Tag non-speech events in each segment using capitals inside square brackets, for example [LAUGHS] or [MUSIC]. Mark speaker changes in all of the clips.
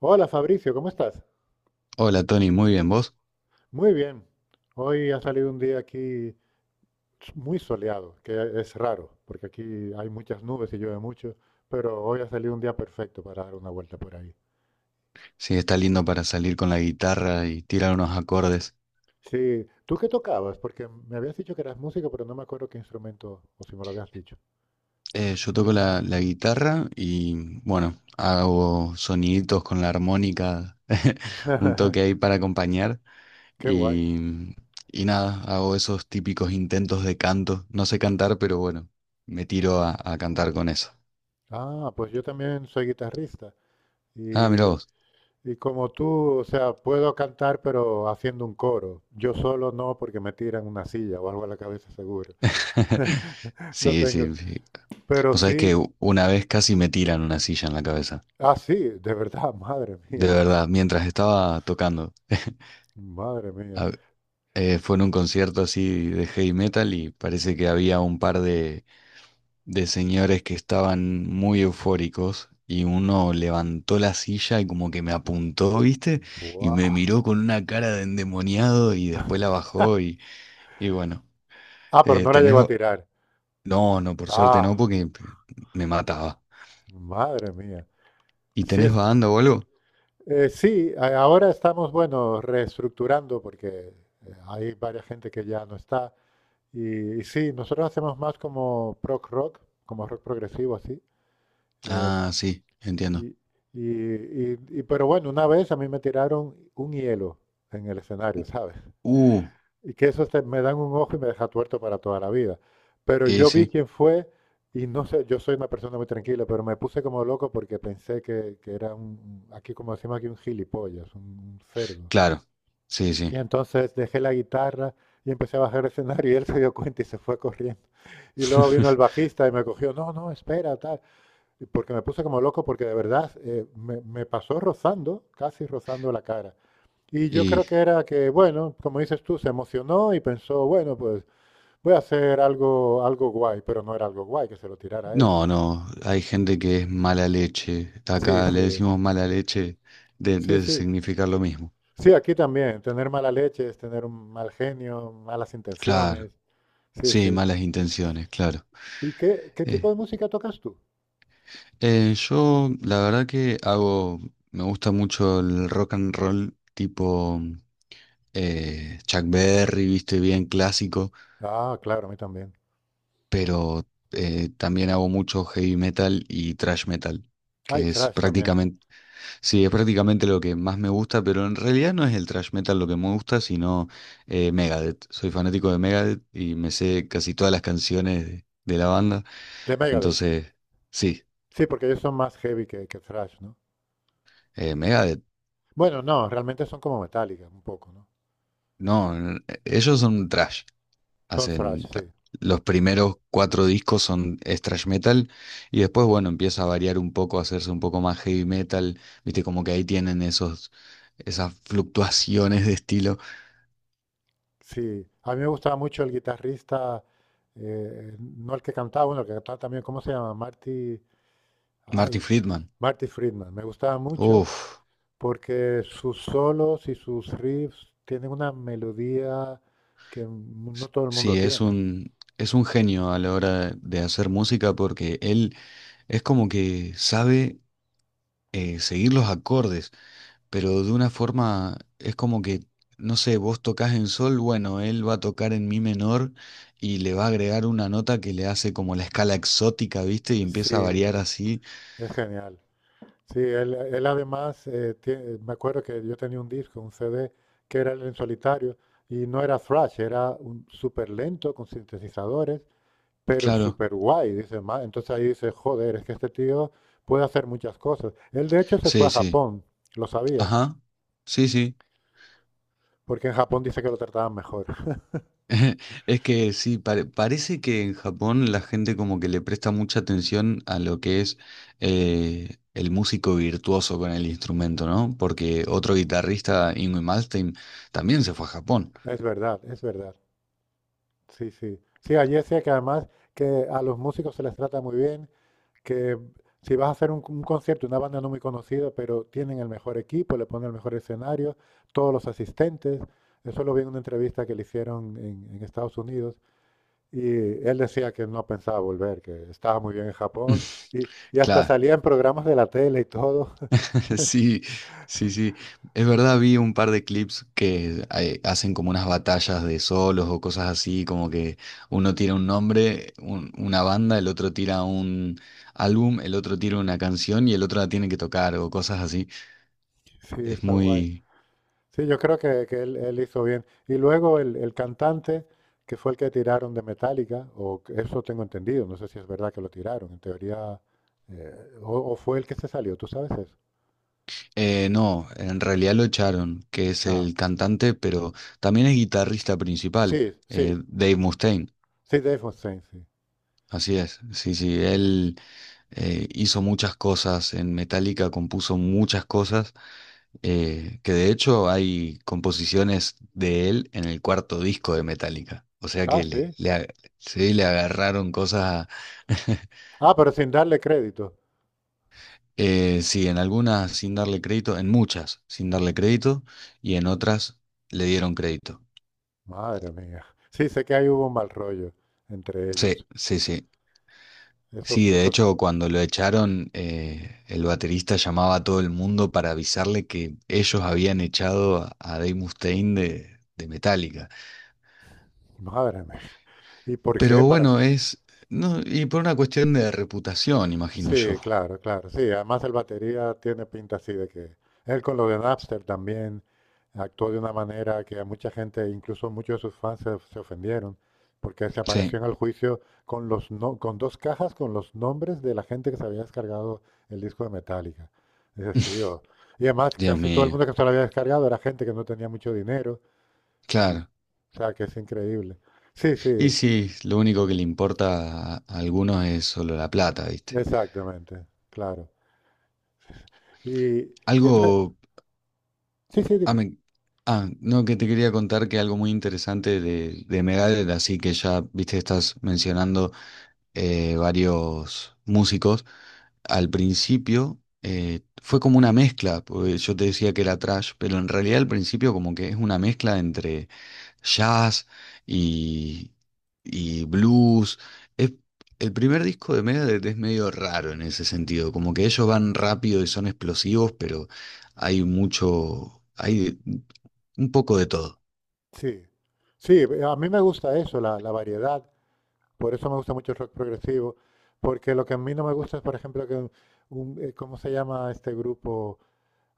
Speaker 1: Hola Fabricio, ¿cómo estás?
Speaker 2: Hola Tony, muy bien, ¿vos?
Speaker 1: Muy bien. Hoy ha salido un día aquí muy soleado, que es raro, porque aquí hay muchas nubes y llueve mucho, pero hoy ha salido un día perfecto para dar una vuelta por ahí.
Speaker 2: Sí, está lindo para salir con la guitarra y tirar unos acordes.
Speaker 1: Sí, ¿tú qué tocabas? Porque me habías dicho que eras músico, pero no me acuerdo qué instrumento, o si me lo habías dicho.
Speaker 2: Yo toco la guitarra y bueno, hago soniditos con la armónica, [LAUGHS] un
Speaker 1: [LAUGHS]
Speaker 2: toque ahí para acompañar
Speaker 1: Qué guay.
Speaker 2: y, y nada, hago esos típicos intentos de canto. No sé cantar, pero bueno, me tiro a cantar con eso.
Speaker 1: Ah, pues yo también soy guitarrista
Speaker 2: Ah, mira
Speaker 1: y,
Speaker 2: vos.
Speaker 1: y como tú, o sea, puedo cantar pero haciendo un coro. Yo solo no porque me tiran una silla o algo a la cabeza seguro.
Speaker 2: [LAUGHS]
Speaker 1: [LAUGHS] No
Speaker 2: Sí,
Speaker 1: tengo.
Speaker 2: sí, sí.
Speaker 1: Pero
Speaker 2: Vos sabés que
Speaker 1: sí,
Speaker 2: una vez casi me tiran una silla en la cabeza.
Speaker 1: ah, sí, de verdad, [LAUGHS] madre
Speaker 2: De
Speaker 1: mía,
Speaker 2: verdad, mientras estaba tocando.
Speaker 1: madre mía.
Speaker 2: [LAUGHS] Fue en un concierto así de heavy metal y parece que había un par de señores que estaban muy eufóricos y uno levantó la silla y como que me apuntó, ¿viste? Y me
Speaker 1: Buah.
Speaker 2: miró con una cara de endemoniado y después la bajó y bueno.
Speaker 1: Ah, pero
Speaker 2: Eh,
Speaker 1: no la
Speaker 2: ¿tenés...
Speaker 1: llegó a
Speaker 2: ba-
Speaker 1: tirar.
Speaker 2: No, no, por suerte no,
Speaker 1: Ah,
Speaker 2: porque me mataba.
Speaker 1: madre mía.
Speaker 2: ¿Y
Speaker 1: Sí,
Speaker 2: tenés
Speaker 1: es,
Speaker 2: banda o algo?
Speaker 1: sí, ahora estamos, bueno, reestructurando porque hay varias gente que ya no está. Y sí, nosotros hacemos más como prog rock, como rock progresivo así. eh,
Speaker 2: Ah, sí,
Speaker 1: y,
Speaker 2: entiendo.
Speaker 1: pero bueno, una vez a mí me tiraron un hielo en el escenario, ¿sabes?
Speaker 2: Uh,
Speaker 1: Y que eso me dan un ojo y me deja tuerto para toda la vida. Pero yo vi
Speaker 2: sí,
Speaker 1: quién fue y no sé, yo soy una persona muy tranquila, pero me puse como loco porque pensé que era un, aquí como decimos aquí, un gilipollas, un cerdo.
Speaker 2: claro, sí, sí.
Speaker 1: Y entonces dejé la guitarra y empecé a bajar el escenario y él se dio cuenta y se fue corriendo. Y luego vino el
Speaker 2: [LAUGHS]
Speaker 1: bajista y me cogió, no, no, espera, tal. Porque me puse como loco porque de verdad me pasó rozando, casi rozando la cara. Y yo creo
Speaker 2: y
Speaker 1: que era que, bueno, como dices tú, se emocionó y pensó, bueno, pues voy a hacer algo, algo guay, pero no era algo guay que se lo tirara a él.
Speaker 2: No, no, hay gente que es mala leche.
Speaker 1: Sí,
Speaker 2: Acá le
Speaker 1: sí,
Speaker 2: decimos mala leche de,
Speaker 1: sí,
Speaker 2: de
Speaker 1: sí.
Speaker 2: significar lo mismo.
Speaker 1: Sí, aquí también, tener mala leche es tener un mal genio, malas
Speaker 2: Claro,
Speaker 1: intenciones. Sí,
Speaker 2: sí,
Speaker 1: sí.
Speaker 2: malas intenciones, claro.
Speaker 1: ¿Y qué, qué tipo
Speaker 2: Eh,
Speaker 1: de música tocas tú?
Speaker 2: yo la verdad que hago, me gusta mucho el rock and roll tipo Chuck Berry, viste, bien clásico,
Speaker 1: Ah, claro, a mí también.
Speaker 2: pero también hago mucho heavy metal y thrash metal,
Speaker 1: Hay
Speaker 2: que es
Speaker 1: thrash también.
Speaker 2: prácticamente sí, es prácticamente lo que más me gusta, pero en realidad no es el thrash metal lo que me gusta, sino Megadeth. Soy fanático de Megadeth y me sé casi todas las canciones de la banda.
Speaker 1: De Megadeth.
Speaker 2: Entonces, sí,
Speaker 1: Sí, porque ellos son más heavy que thrash, ¿no?
Speaker 2: Megadeth,
Speaker 1: Bueno, no, realmente son como Metallica, un poco, ¿no?
Speaker 2: no, ellos son thrash.
Speaker 1: Son thrash,
Speaker 2: Hacen ta-
Speaker 1: sí.
Speaker 2: los primeros cuatro discos son es thrash metal y después, bueno, empieza a variar un poco, a hacerse un poco más heavy metal. Viste, como que ahí tienen esos, esas fluctuaciones de estilo.
Speaker 1: Sí, a mí me gustaba mucho el guitarrista, no el que cantaba, bueno, el que cantaba también, ¿cómo se llama? Marty,
Speaker 2: Martin
Speaker 1: ay,
Speaker 2: Friedman,
Speaker 1: Marty Friedman. Me gustaba mucho
Speaker 2: uff.
Speaker 1: porque sus solos y sus riffs tienen una melodía que no todo el mundo
Speaker 2: Sí, es
Speaker 1: tiene.
Speaker 2: un, es un genio a la hora de hacer música, porque él es como que sabe seguir los acordes, pero de una forma es como que, no sé, vos tocas en sol, bueno, él va a tocar en mi menor y le va a agregar una nota que le hace como la escala exótica, ¿viste? Y empieza a
Speaker 1: Sí,
Speaker 2: variar
Speaker 1: sí,
Speaker 2: así.
Speaker 1: es genial. Sí, él además, me acuerdo que yo tenía un disco, un CD, que era el en solitario, y no era thrash, era un súper lento, con sintetizadores, pero
Speaker 2: Claro,
Speaker 1: súper guay, dice ma. Entonces ahí dice, joder, es que este tío puede hacer muchas cosas. Él de hecho se fue a
Speaker 2: sí, sí.
Speaker 1: Japón, lo sabías,
Speaker 2: Ajá. Sí, sí.
Speaker 1: porque en Japón dice que lo trataban mejor. [LAUGHS]
Speaker 2: [LAUGHS] Es que sí, parece que en Japón la gente como que le presta mucha atención a lo que es el músico virtuoso con el instrumento, ¿no? Porque otro guitarrista, Ingwe Malmsteen, también se fue a Japón.
Speaker 1: Es verdad, es verdad. Sí, sí. Sí, allí decía que además que a los músicos se les trata muy bien, que si vas a hacer un concierto, una banda no muy conocida, pero tienen el mejor equipo, le ponen el mejor escenario, todos los asistentes. Eso lo vi en una entrevista que le hicieron en Estados Unidos. Y él decía que no pensaba volver, que estaba muy bien en Japón.
Speaker 2: [LAUGHS]
Speaker 1: Y hasta
Speaker 2: Claro,
Speaker 1: salía en programas de la tele y todo. [LAUGHS]
Speaker 2: [LAUGHS] sí, sí, sí. Es verdad, vi un par de clips que hacen como unas batallas de solos o cosas así, como que uno tira un nombre, una banda, el otro tira un álbum, el otro tira una canción y el otro la tiene que tocar o cosas así.
Speaker 1: Sí,
Speaker 2: Es
Speaker 1: está guay.
Speaker 2: muy...
Speaker 1: Sí, yo creo que él hizo bien. Y luego el cantante, que fue el que tiraron de Metallica, eso tengo entendido, no sé si es verdad que lo tiraron, en teoría, o fue el que se salió, ¿tú sabes eso?
Speaker 2: No, en realidad lo echaron, que es
Speaker 1: Ah,
Speaker 2: el cantante, pero también es guitarrista principal,
Speaker 1: sí, sí,
Speaker 2: Dave Mustaine.
Speaker 1: sí, Dave Mustaine, sí.
Speaker 2: Así es, sí, sí, él hizo muchas cosas en Metallica, compuso muchas cosas, que de hecho hay composiciones de él en el cuarto disco de Metallica. O sea que
Speaker 1: Ah, sí.
Speaker 2: sí, le agarraron cosas. [LAUGHS]
Speaker 1: Ah, pero sin darle crédito.
Speaker 2: Sí, en algunas sin darle crédito, en muchas sin darle crédito y en otras le dieron crédito.
Speaker 1: Madre mía. Sí, sé que ahí hubo un mal rollo entre
Speaker 2: Sí,
Speaker 1: ellos.
Speaker 2: sí, sí.
Speaker 1: Eso,
Speaker 2: Sí, de
Speaker 1: eso.
Speaker 2: hecho, cuando lo echaron, el baterista llamaba a todo el mundo para avisarle que ellos habían echado a Dave Mustaine de Metallica.
Speaker 1: Madre mía. ¿Y por
Speaker 2: Pero
Speaker 1: qué? Para...
Speaker 2: bueno, es... No, y por una cuestión de reputación, imagino
Speaker 1: Sí,
Speaker 2: yo.
Speaker 1: claro, claro. Sí, además el batería tiene pinta así de que él con lo de Napster también actuó de una manera que a mucha gente, incluso muchos de sus fans, se ofendieron, porque se apareció
Speaker 2: Sí.
Speaker 1: en el juicio con los con dos cajas con los nombres de la gente que se había descargado el disco de Metallica. Dices,
Speaker 2: [LAUGHS]
Speaker 1: tío. Y además
Speaker 2: Dios
Speaker 1: casi todo el
Speaker 2: mío,
Speaker 1: mundo que se lo había descargado era gente que no tenía mucho dinero. Y, o
Speaker 2: claro.
Speaker 1: sea, que es increíble. Sí,
Speaker 2: Y
Speaker 1: sí,
Speaker 2: sí, lo único que le importa a algunos es solo la plata, ¿viste?
Speaker 1: exactamente, claro. Y, y entonces,
Speaker 2: Algo
Speaker 1: sí, sí,
Speaker 2: Ah,
Speaker 1: dime.
Speaker 2: no, que te quería contar que algo muy interesante de Megadeth, así que ya, viste, estás mencionando varios músicos. Al principio fue como una mezcla, porque yo te decía que era trash, pero en realidad al principio como que es una mezcla entre jazz y, y blues. Es, el primer disco de Megadeth es medio raro en ese sentido, como que ellos van rápido y son explosivos, pero hay un poco de todo.
Speaker 1: Sí, sí, a mí me gusta eso, la variedad. Por eso me gusta mucho el rock progresivo. Porque lo que a mí no me gusta es, por ejemplo, que ¿cómo se llama este grupo?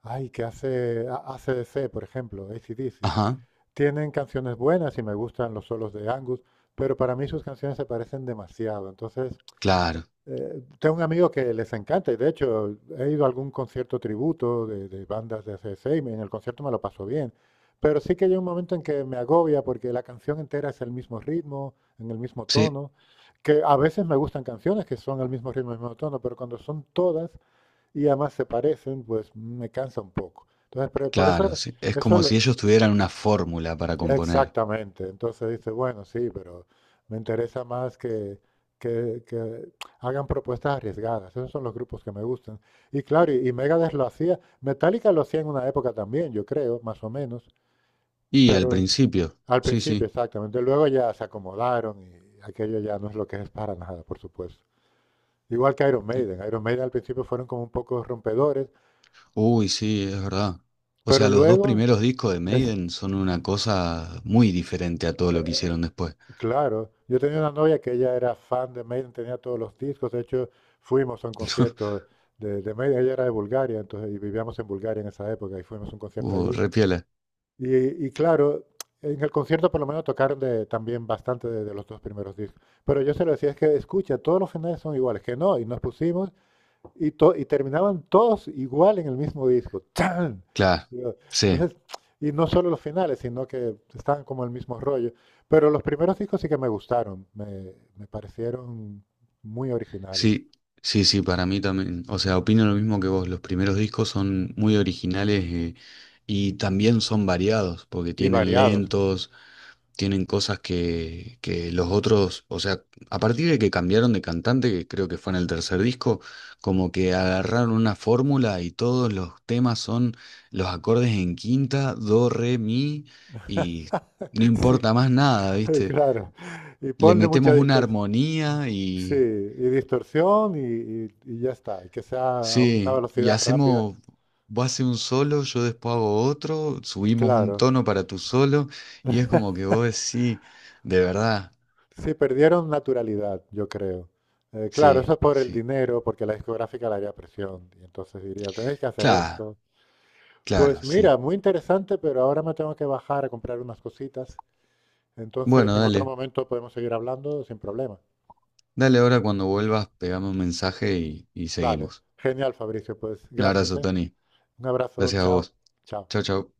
Speaker 1: Ay, que hace ACDC, por ejemplo, AC/DC.
Speaker 2: Ajá,
Speaker 1: Tienen canciones buenas y me gustan los solos de Angus, pero para mí sus canciones se parecen demasiado. Entonces,
Speaker 2: claro,
Speaker 1: eh, tengo un amigo que les encanta y de hecho he ido a algún concierto tributo de bandas de ACDC y en el concierto me lo paso bien. Pero sí que hay un momento en que me agobia porque la canción entera es el mismo ritmo, en el mismo
Speaker 2: sí,
Speaker 1: tono, que a veces me gustan canciones que son el mismo ritmo, el mismo tono, pero cuando son todas y además se parecen, pues me cansa un poco. Entonces, pero por eso,
Speaker 2: claro, sí. Es como
Speaker 1: eso,
Speaker 2: si ellos tuvieran una fórmula para componer.
Speaker 1: exactamente. Entonces dice, bueno, sí, pero me interesa más que, que hagan propuestas arriesgadas. Esos son los grupos que me gustan. Y claro, y Megadeth lo hacía. Metallica lo hacía en una época también, yo creo, más o menos.
Speaker 2: Y al
Speaker 1: Pero
Speaker 2: principio,
Speaker 1: al
Speaker 2: sí,
Speaker 1: principio,
Speaker 2: sí.
Speaker 1: exactamente. Luego ya se acomodaron y aquello ya no es lo que es para nada, por supuesto. Igual que Iron Maiden. Iron Maiden al principio fueron como un poco rompedores,
Speaker 2: Uy, sí, es verdad. O
Speaker 1: pero
Speaker 2: sea, los dos
Speaker 1: luego
Speaker 2: primeros discos de
Speaker 1: es,
Speaker 2: Maiden son una cosa muy diferente a todo lo que
Speaker 1: eh,
Speaker 2: hicieron después.
Speaker 1: claro, yo tenía una novia que ella era fan de Maiden, tenía todos los discos, de hecho fuimos a un
Speaker 2: [LAUGHS]
Speaker 1: concierto de Maiden, ella era de Bulgaria, entonces y vivíamos en Bulgaria en esa época y fuimos a un concierto allí.
Speaker 2: Re
Speaker 1: Y claro, en el concierto por lo menos tocaron también bastante de los dos primeros discos, pero yo se lo decía, es que escucha, todos los finales son iguales, que no, y nos pusimos y terminaban todos igual en el mismo disco. ¡Chan!
Speaker 2: Claro,
Speaker 1: Digo,
Speaker 2: sí,
Speaker 1: entonces, y no solo los finales, sino que estaban como el mismo rollo. Pero los primeros discos sí que me gustaron, me parecieron muy originales
Speaker 2: sí, sí, sí, para mí también. O sea, opino lo mismo que vos. Los primeros discos son muy originales y también son variados, porque
Speaker 1: y
Speaker 2: tienen
Speaker 1: variados.
Speaker 2: lentos, tienen cosas que los otros, o sea, a partir de que cambiaron de cantante, que creo que fue en el tercer disco, como que agarraron una fórmula y todos los temas son los acordes en quinta, do, re, mi, y no
Speaker 1: [LAUGHS] Sí,
Speaker 2: importa más nada,
Speaker 1: [LAUGHS]
Speaker 2: ¿viste?
Speaker 1: claro. Y
Speaker 2: Le
Speaker 1: ponle
Speaker 2: metemos
Speaker 1: mucha
Speaker 2: una
Speaker 1: distorsión.
Speaker 2: armonía
Speaker 1: Sí,
Speaker 2: y
Speaker 1: y distorsión y ya está. Y que sea a una
Speaker 2: sí, y
Speaker 1: velocidad rápida.
Speaker 2: hacemos, vos haces un solo, yo después hago otro, subimos un
Speaker 1: Claro.
Speaker 2: tono para tu solo y es como que vos decís, de verdad,
Speaker 1: Sí, perdieron naturalidad, yo creo. Claro, eso
Speaker 2: sí,
Speaker 1: es por el
Speaker 2: sí,
Speaker 1: dinero, porque la discográfica le haría presión. Y entonces diría, tenéis que hacer
Speaker 2: claro,
Speaker 1: esto. Pues
Speaker 2: claro,
Speaker 1: mira,
Speaker 2: sí.
Speaker 1: muy interesante, pero ahora me tengo que bajar a comprar unas cositas. Entonces,
Speaker 2: Bueno,
Speaker 1: en otro
Speaker 2: dale,
Speaker 1: momento podemos seguir hablando sin problema.
Speaker 2: dale ahora cuando vuelvas, pegame un mensaje y
Speaker 1: Vale,
Speaker 2: seguimos.
Speaker 1: genial, Fabricio. Pues
Speaker 2: Un
Speaker 1: gracias,
Speaker 2: abrazo,
Speaker 1: ¿eh?
Speaker 2: Tony.
Speaker 1: Un abrazo,
Speaker 2: Gracias a
Speaker 1: chao,
Speaker 2: vos.
Speaker 1: chao.
Speaker 2: Chau, chau.